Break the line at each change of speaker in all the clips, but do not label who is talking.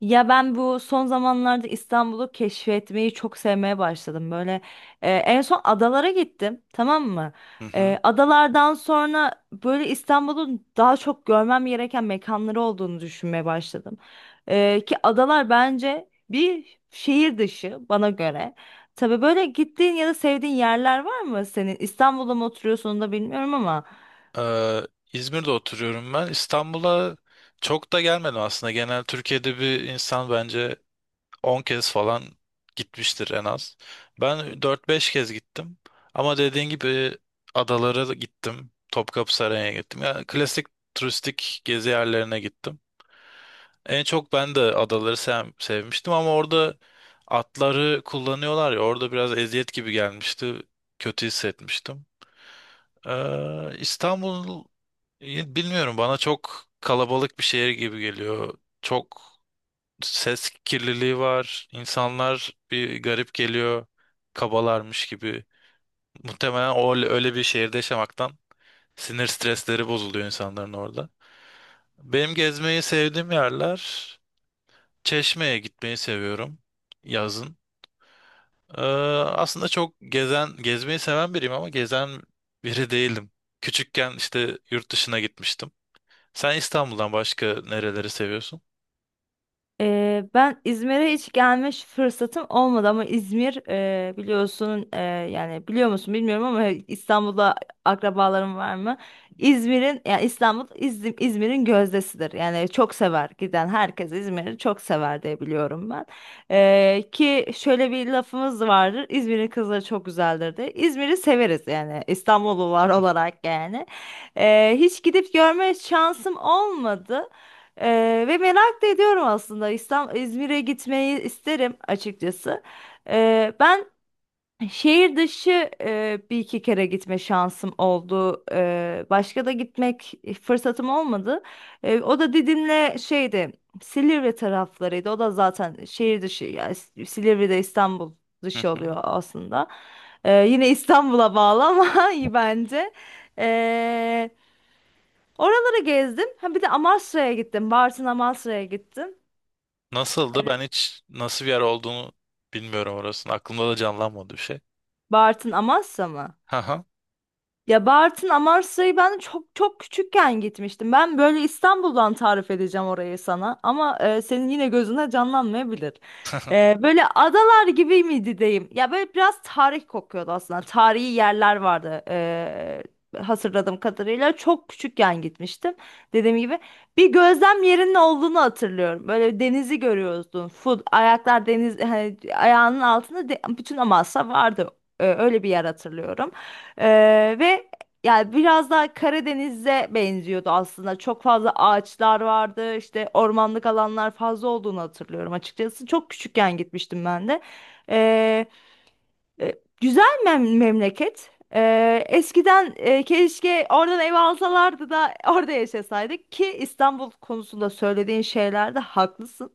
Ya ben bu son zamanlarda İstanbul'u keşfetmeyi çok sevmeye başladım. Böyle en son adalara gittim, tamam mı?
Hı hı.
Adalardan sonra böyle İstanbul'un daha çok görmem gereken mekanları olduğunu düşünmeye başladım. Ki adalar bence bir şehir dışı bana göre. Tabii böyle gittiğin ya da sevdiğin yerler var mı senin? İstanbul'da mı oturuyorsun onu da bilmiyorum ama.
İzmir'de oturuyorum ben. İstanbul'a çok da gelmedim aslında. Genel Türkiye'de bir insan bence 10 kez falan gitmiştir en az. Ben 4-5 kez gittim. Ama dediğin gibi adalara da gittim. Topkapı Sarayı'na gittim. Yani klasik turistik gezi yerlerine gittim. En çok ben de adaları sevmiştim ama orada atları kullanıyorlar ya orada biraz eziyet gibi gelmişti. Kötü hissetmiştim. İstanbul bilmiyorum bana çok kalabalık bir şehir gibi geliyor. Çok ses kirliliği var. İnsanlar bir garip geliyor. Kabalarmış gibi. Muhtemelen o öyle bir şehirde yaşamaktan sinir stresleri bozuluyor insanların orada. Benim gezmeyi sevdiğim yerler, Çeşme'ye gitmeyi seviyorum yazın. Ee, aslında çok gezen gezmeyi seven biriyim ama gezen biri değilim. Küçükken işte yurt dışına gitmiştim. Sen İstanbul'dan başka nereleri seviyorsun?
Ben İzmir'e hiç gelmiş fırsatım olmadı ama İzmir biliyorsun, yani biliyor musun bilmiyorum ama İstanbul'da akrabalarım var mı? İzmir'in yani İstanbul İzmir'in gözdesidir. Yani çok sever, giden herkes İzmir'i çok sever diye biliyorum ben. Ki şöyle bir lafımız vardır. İzmir'in kızları çok güzeldir diye. İzmir'i severiz yani İstanbullular olarak yani. Hiç gidip görme şansım olmadı. Ve merak da ediyorum aslında, İstanbul İzmir'e gitmeyi isterim açıkçası. Ben şehir dışı bir iki kere gitme şansım oldu. Başka da gitmek fırsatım olmadı. O da Didim'le şeydi, Silivri taraflarıydı. O da zaten şehir dışı yani Silivri'de İstanbul
Hı
dışı
hı.
oluyor aslında. Yine İstanbul'a bağlı ama iyi bence. Oraları gezdim. Ha bir de Amasra'ya gittim. Bartın Amasra'ya gittim.
Nasıldı? Ben hiç nasıl bir yer olduğunu bilmiyorum orasının. Aklımda da canlanmadı bir şey.
Bartın Amasra mı?
Haha.
Ya Bartın Amasya'yı ben çok çok küçükken gitmiştim. Ben böyle İstanbul'dan tarif edeceğim orayı sana ama senin yine gözüne canlanmayabilir. Böyle adalar gibi miydi diyeyim. Ya böyle biraz tarih kokuyordu aslında. Tarihi yerler vardı. Hatırladığım kadarıyla çok küçükken gitmiştim. Dediğim gibi bir gözlem yerinin olduğunu hatırlıyorum. Böyle denizi görüyorsun. Full ayaklar deniz, hani ayağının altında bütün Amasya vardı. Öyle bir yer hatırlıyorum. Ve yani biraz daha Karadeniz'e benziyordu aslında. Çok fazla ağaçlar vardı, işte ormanlık alanlar fazla olduğunu hatırlıyorum açıkçası. Çok küçükken gitmiştim ben de. Ee, e, Güzel memleket. Eskiden keşke oradan ev alsalardı da orada yaşasaydık, ki İstanbul konusunda söylediğin şeylerde haklısın.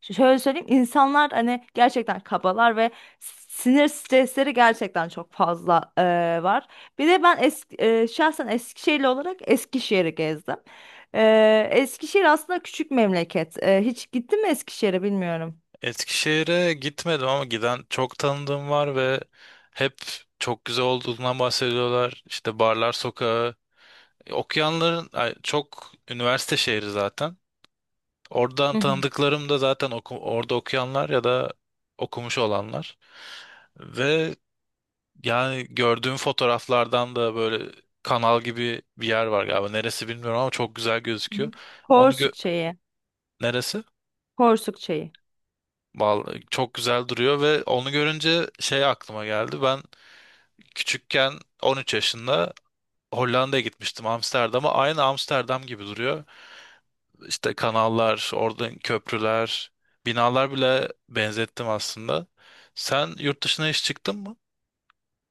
Şöyle söyleyeyim, insanlar hani gerçekten kabalar ve sinir stresleri gerçekten çok fazla var. Bir de ben şahsen Eskişehirli olarak Eskişehir'i gezdim. Eskişehir aslında küçük memleket. Hiç gittin mi Eskişehir'e bilmiyorum.
Eskişehir'e gitmedim ama giden çok tanıdığım var ve hep çok güzel olduğundan bahsediyorlar. İşte Barlar Sokağı, okuyanların ay, çok üniversite şehri zaten. Oradan
Hı hı.
tanıdıklarım da zaten orada okuyanlar ya da okumuş olanlar. Ve yani gördüğüm fotoğraflardan da böyle kanal gibi bir yer var galiba. Neresi bilmiyorum ama çok güzel
hı
gözüküyor.
hı.
Onu gö-
Porsuk Çayı.
neresi?
Porsuk Çayı.
Vallahi çok güzel duruyor ve onu görünce şey aklıma geldi. Ben küçükken 13 yaşında Hollanda'ya gitmiştim, Amsterdam'a. Aynı Amsterdam gibi duruyor. İşte kanallar, oradan köprüler, binalar bile benzettim aslında. Sen yurt dışına hiç çıktın mı?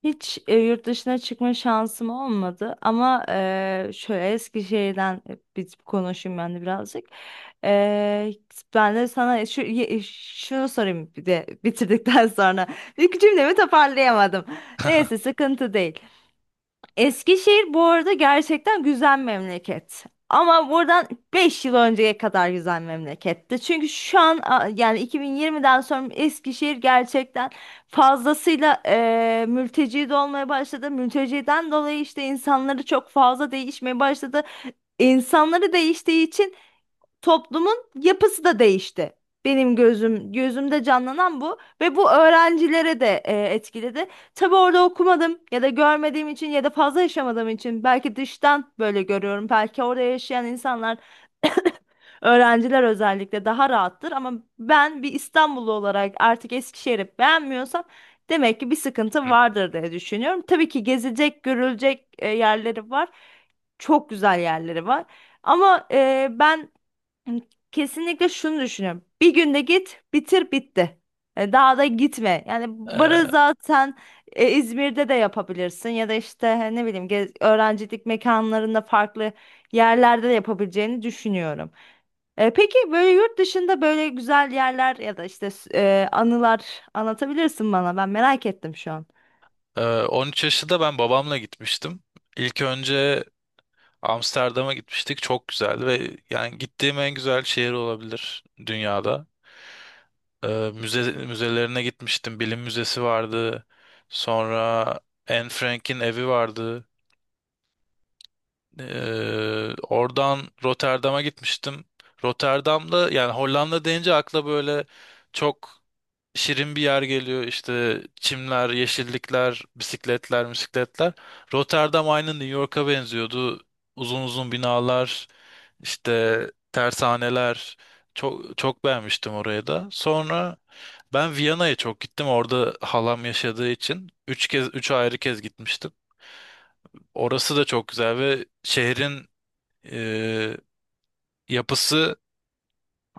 Hiç yurt dışına çıkma şansım olmadı ama şöyle Eskişehir'den biz konuşayım ben de birazcık. E, Ben de sana şunu sorayım bir de bitirdikten sonra. İlk cümlemi toparlayamadım. Neyse, sıkıntı değil. Eskişehir bu arada gerçekten güzel memleket. Ama buradan 5 yıl önceye kadar güzel memleketti. Çünkü şu an yani 2020'den sonra Eskişehir gerçekten fazlasıyla mülteci de olmaya başladı. Mülteciden dolayı işte insanları çok fazla değişmeye başladı. İnsanları değiştiği için toplumun yapısı da değişti. Benim gözümde canlanan bu ve bu öğrencilere de etkiledi. Tabii orada okumadım ya da görmediğim için ya da fazla yaşamadığım için belki dıştan böyle görüyorum. Belki orada yaşayan insanlar, öğrenciler özellikle daha rahattır ama ben bir İstanbullu olarak artık Eskişehir'i beğenmiyorsam demek ki bir
Hı.
sıkıntı vardır diye düşünüyorum. Tabii ki gezilecek, görülecek yerleri var. Çok güzel yerleri var. Ama ben Hı, kesinlikle şunu düşünüyorum. Bir günde git, bitir, bitti. Daha da gitme. Yani barı
Ee,
zaten İzmir'de de yapabilirsin ya da işte ne bileyim, öğrencilik mekanlarında farklı yerlerde de yapabileceğini düşünüyorum. Peki böyle yurt dışında böyle güzel yerler ya da işte anılar anlatabilirsin bana. Ben merak ettim şu an.
13 yaşında ben babamla gitmiştim. İlk önce Amsterdam'a gitmiştik. Çok güzeldi ve yani gittiğim en güzel şehir olabilir dünyada. Ee, müzelerine gitmiştim. Bilim Müzesi vardı. Sonra Anne Frank'in evi vardı. Oradan Rotterdam'a gitmiştim. Rotterdam'da, yani Hollanda deyince akla böyle çok şirin bir yer geliyor. İşte çimler, yeşillikler, bisikletler, bisikletler. Rotterdam aynı New York'a benziyordu. Uzun uzun binalar, işte tersaneler. Çok çok beğenmiştim orayı da. Sonra ben Viyana'ya çok gittim. Orada halam yaşadığı için üç kez, üç ayrı kez gitmiştim. Orası da çok güzel ve şehrin ee, yapısı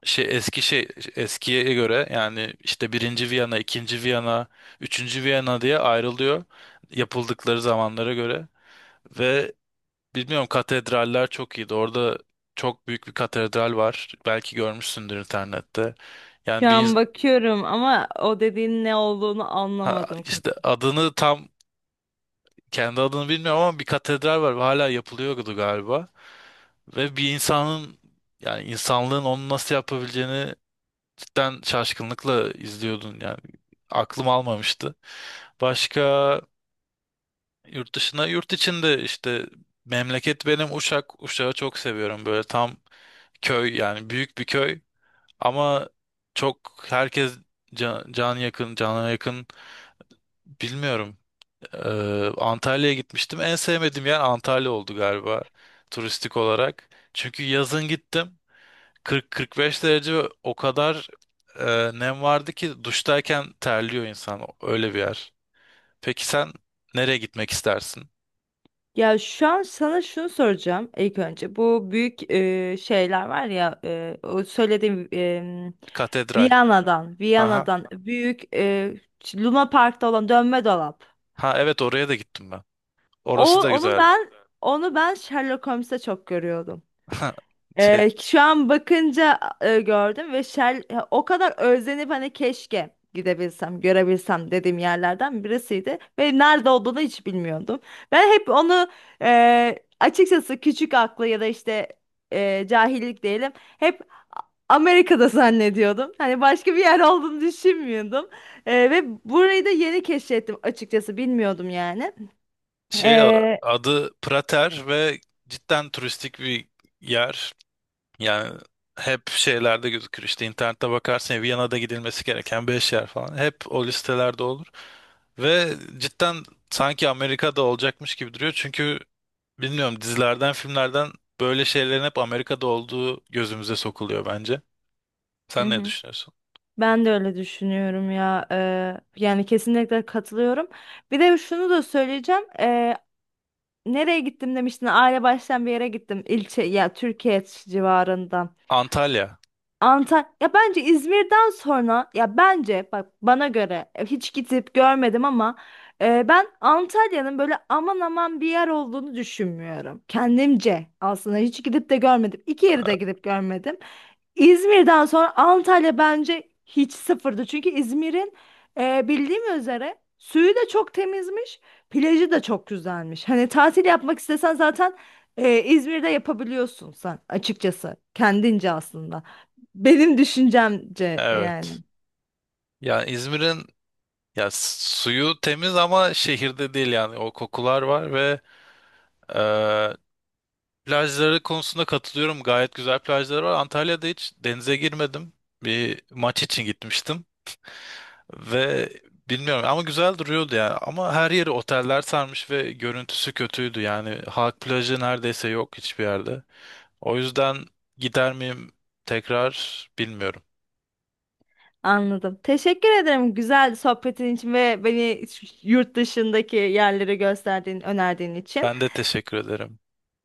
şey eski şey eskiye göre, yani işte birinci Viyana, ikinci Viyana, üçüncü Viyana diye ayrılıyor yapıldıkları zamanlara göre ve bilmiyorum katedraller çok iyiydi. Orada çok büyük bir katedral var. Belki görmüşsündür internette.
Şu
Yani bir
an
ins-
bakıyorum ama o dediğin ne olduğunu
ha,
anlamadım.
işte adını tam kendi adını bilmiyorum ama bir katedral var ve hala yapılıyordu galiba. Ve bir insanın, yani insanlığın onu nasıl yapabileceğini cidden şaşkınlıkla izliyordun yani. Aklım almamıştı. Başka yurt dışına, yurt içinde işte, memleket benim Uşak. Uşak'ı çok seviyorum. Böyle tam köy, yani büyük bir köy ama çok herkes can yakın, cana yakın, bilmiyorum. Ee, Antalya'ya gitmiştim. En sevmediğim yer Antalya oldu galiba turistik olarak. Çünkü yazın gittim. 40-45 derece ve o kadar e, nem vardı ki duştayken terliyor insan. Öyle bir yer. Peki sen nereye gitmek istersin?
Ya şu an sana şunu soracağım ilk önce. Bu büyük şeyler var ya, o söylediğim,
Katedral.
Viyana'dan,
Aha.
Viyana'dan büyük, Luna Park'ta olan dönme dolap.
Ha evet, oraya da gittim ben. Orası
O
da
onu
güzeldi.
ben onu ben Sherlock Holmes'te çok görüyordum.
Şey,
Şu an bakınca gördüm ve o kadar özlenip hani keşke gidebilsem, görebilsem dediğim yerlerden birisiydi. Ve nerede olduğunu hiç bilmiyordum. Ben hep onu, açıkçası küçük aklı ya da işte cahillik diyelim, hep Amerika'da zannediyordum. Hani başka bir yer olduğunu düşünmüyordum. Ve burayı da yeni keşfettim açıkçası, bilmiyordum yani. E,
adı Prater ve cidden turistik bir yer. Yani hep şeylerde gözükür, işte internette bakarsın Viyana'da gidilmesi gereken 5 yer falan. Hep o listelerde olur. Ve cidden sanki Amerika'da olacakmış gibi duruyor. Çünkü bilmiyorum, dizilerden, filmlerden böyle şeylerin hep Amerika'da olduğu gözümüze sokuluyor bence.
Hı
Sen ne
hı.
düşünüyorsun?
Ben de öyle düşünüyorum ya. Yani kesinlikle katılıyorum. Bir de şunu da söyleyeceğim. Nereye gittim demiştin? Aile baştan bir yere gittim. İlçe ya Türkiye civarından.
Antalya.
Antalya ya bence İzmir'den sonra, ya bence bak bana göre, hiç gidip görmedim ama ben Antalya'nın böyle aman aman bir yer olduğunu düşünmüyorum. Kendimce, aslında hiç gidip de görmedim. İki yeri de gidip görmedim. İzmir'den sonra Antalya bence hiç sıfırdı. Çünkü İzmir'in bildiğim üzere suyu da çok temizmiş, plajı da çok güzelmiş. Hani tatil yapmak istesen zaten İzmir'de yapabiliyorsun sen açıkçası. Kendince aslında. Benim düşüncemce yani.
Evet. Yani İzmir'in ya s- suyu temiz ama şehirde değil, yani o kokular var ve e, plajları konusunda katılıyorum. Gayet güzel plajları var. Antalya'da hiç denize girmedim. Bir maç için gitmiştim ve bilmiyorum ama güzel duruyordu yani. Ama her yeri oteller sarmış ve görüntüsü kötüydü. Yani halk plajı neredeyse yok hiçbir yerde. O yüzden gider miyim tekrar bilmiyorum.
Anladım. Teşekkür ederim güzel sohbetin için ve beni yurt dışındaki yerleri gösterdiğin, önerdiğin için.
Ben de teşekkür ederim.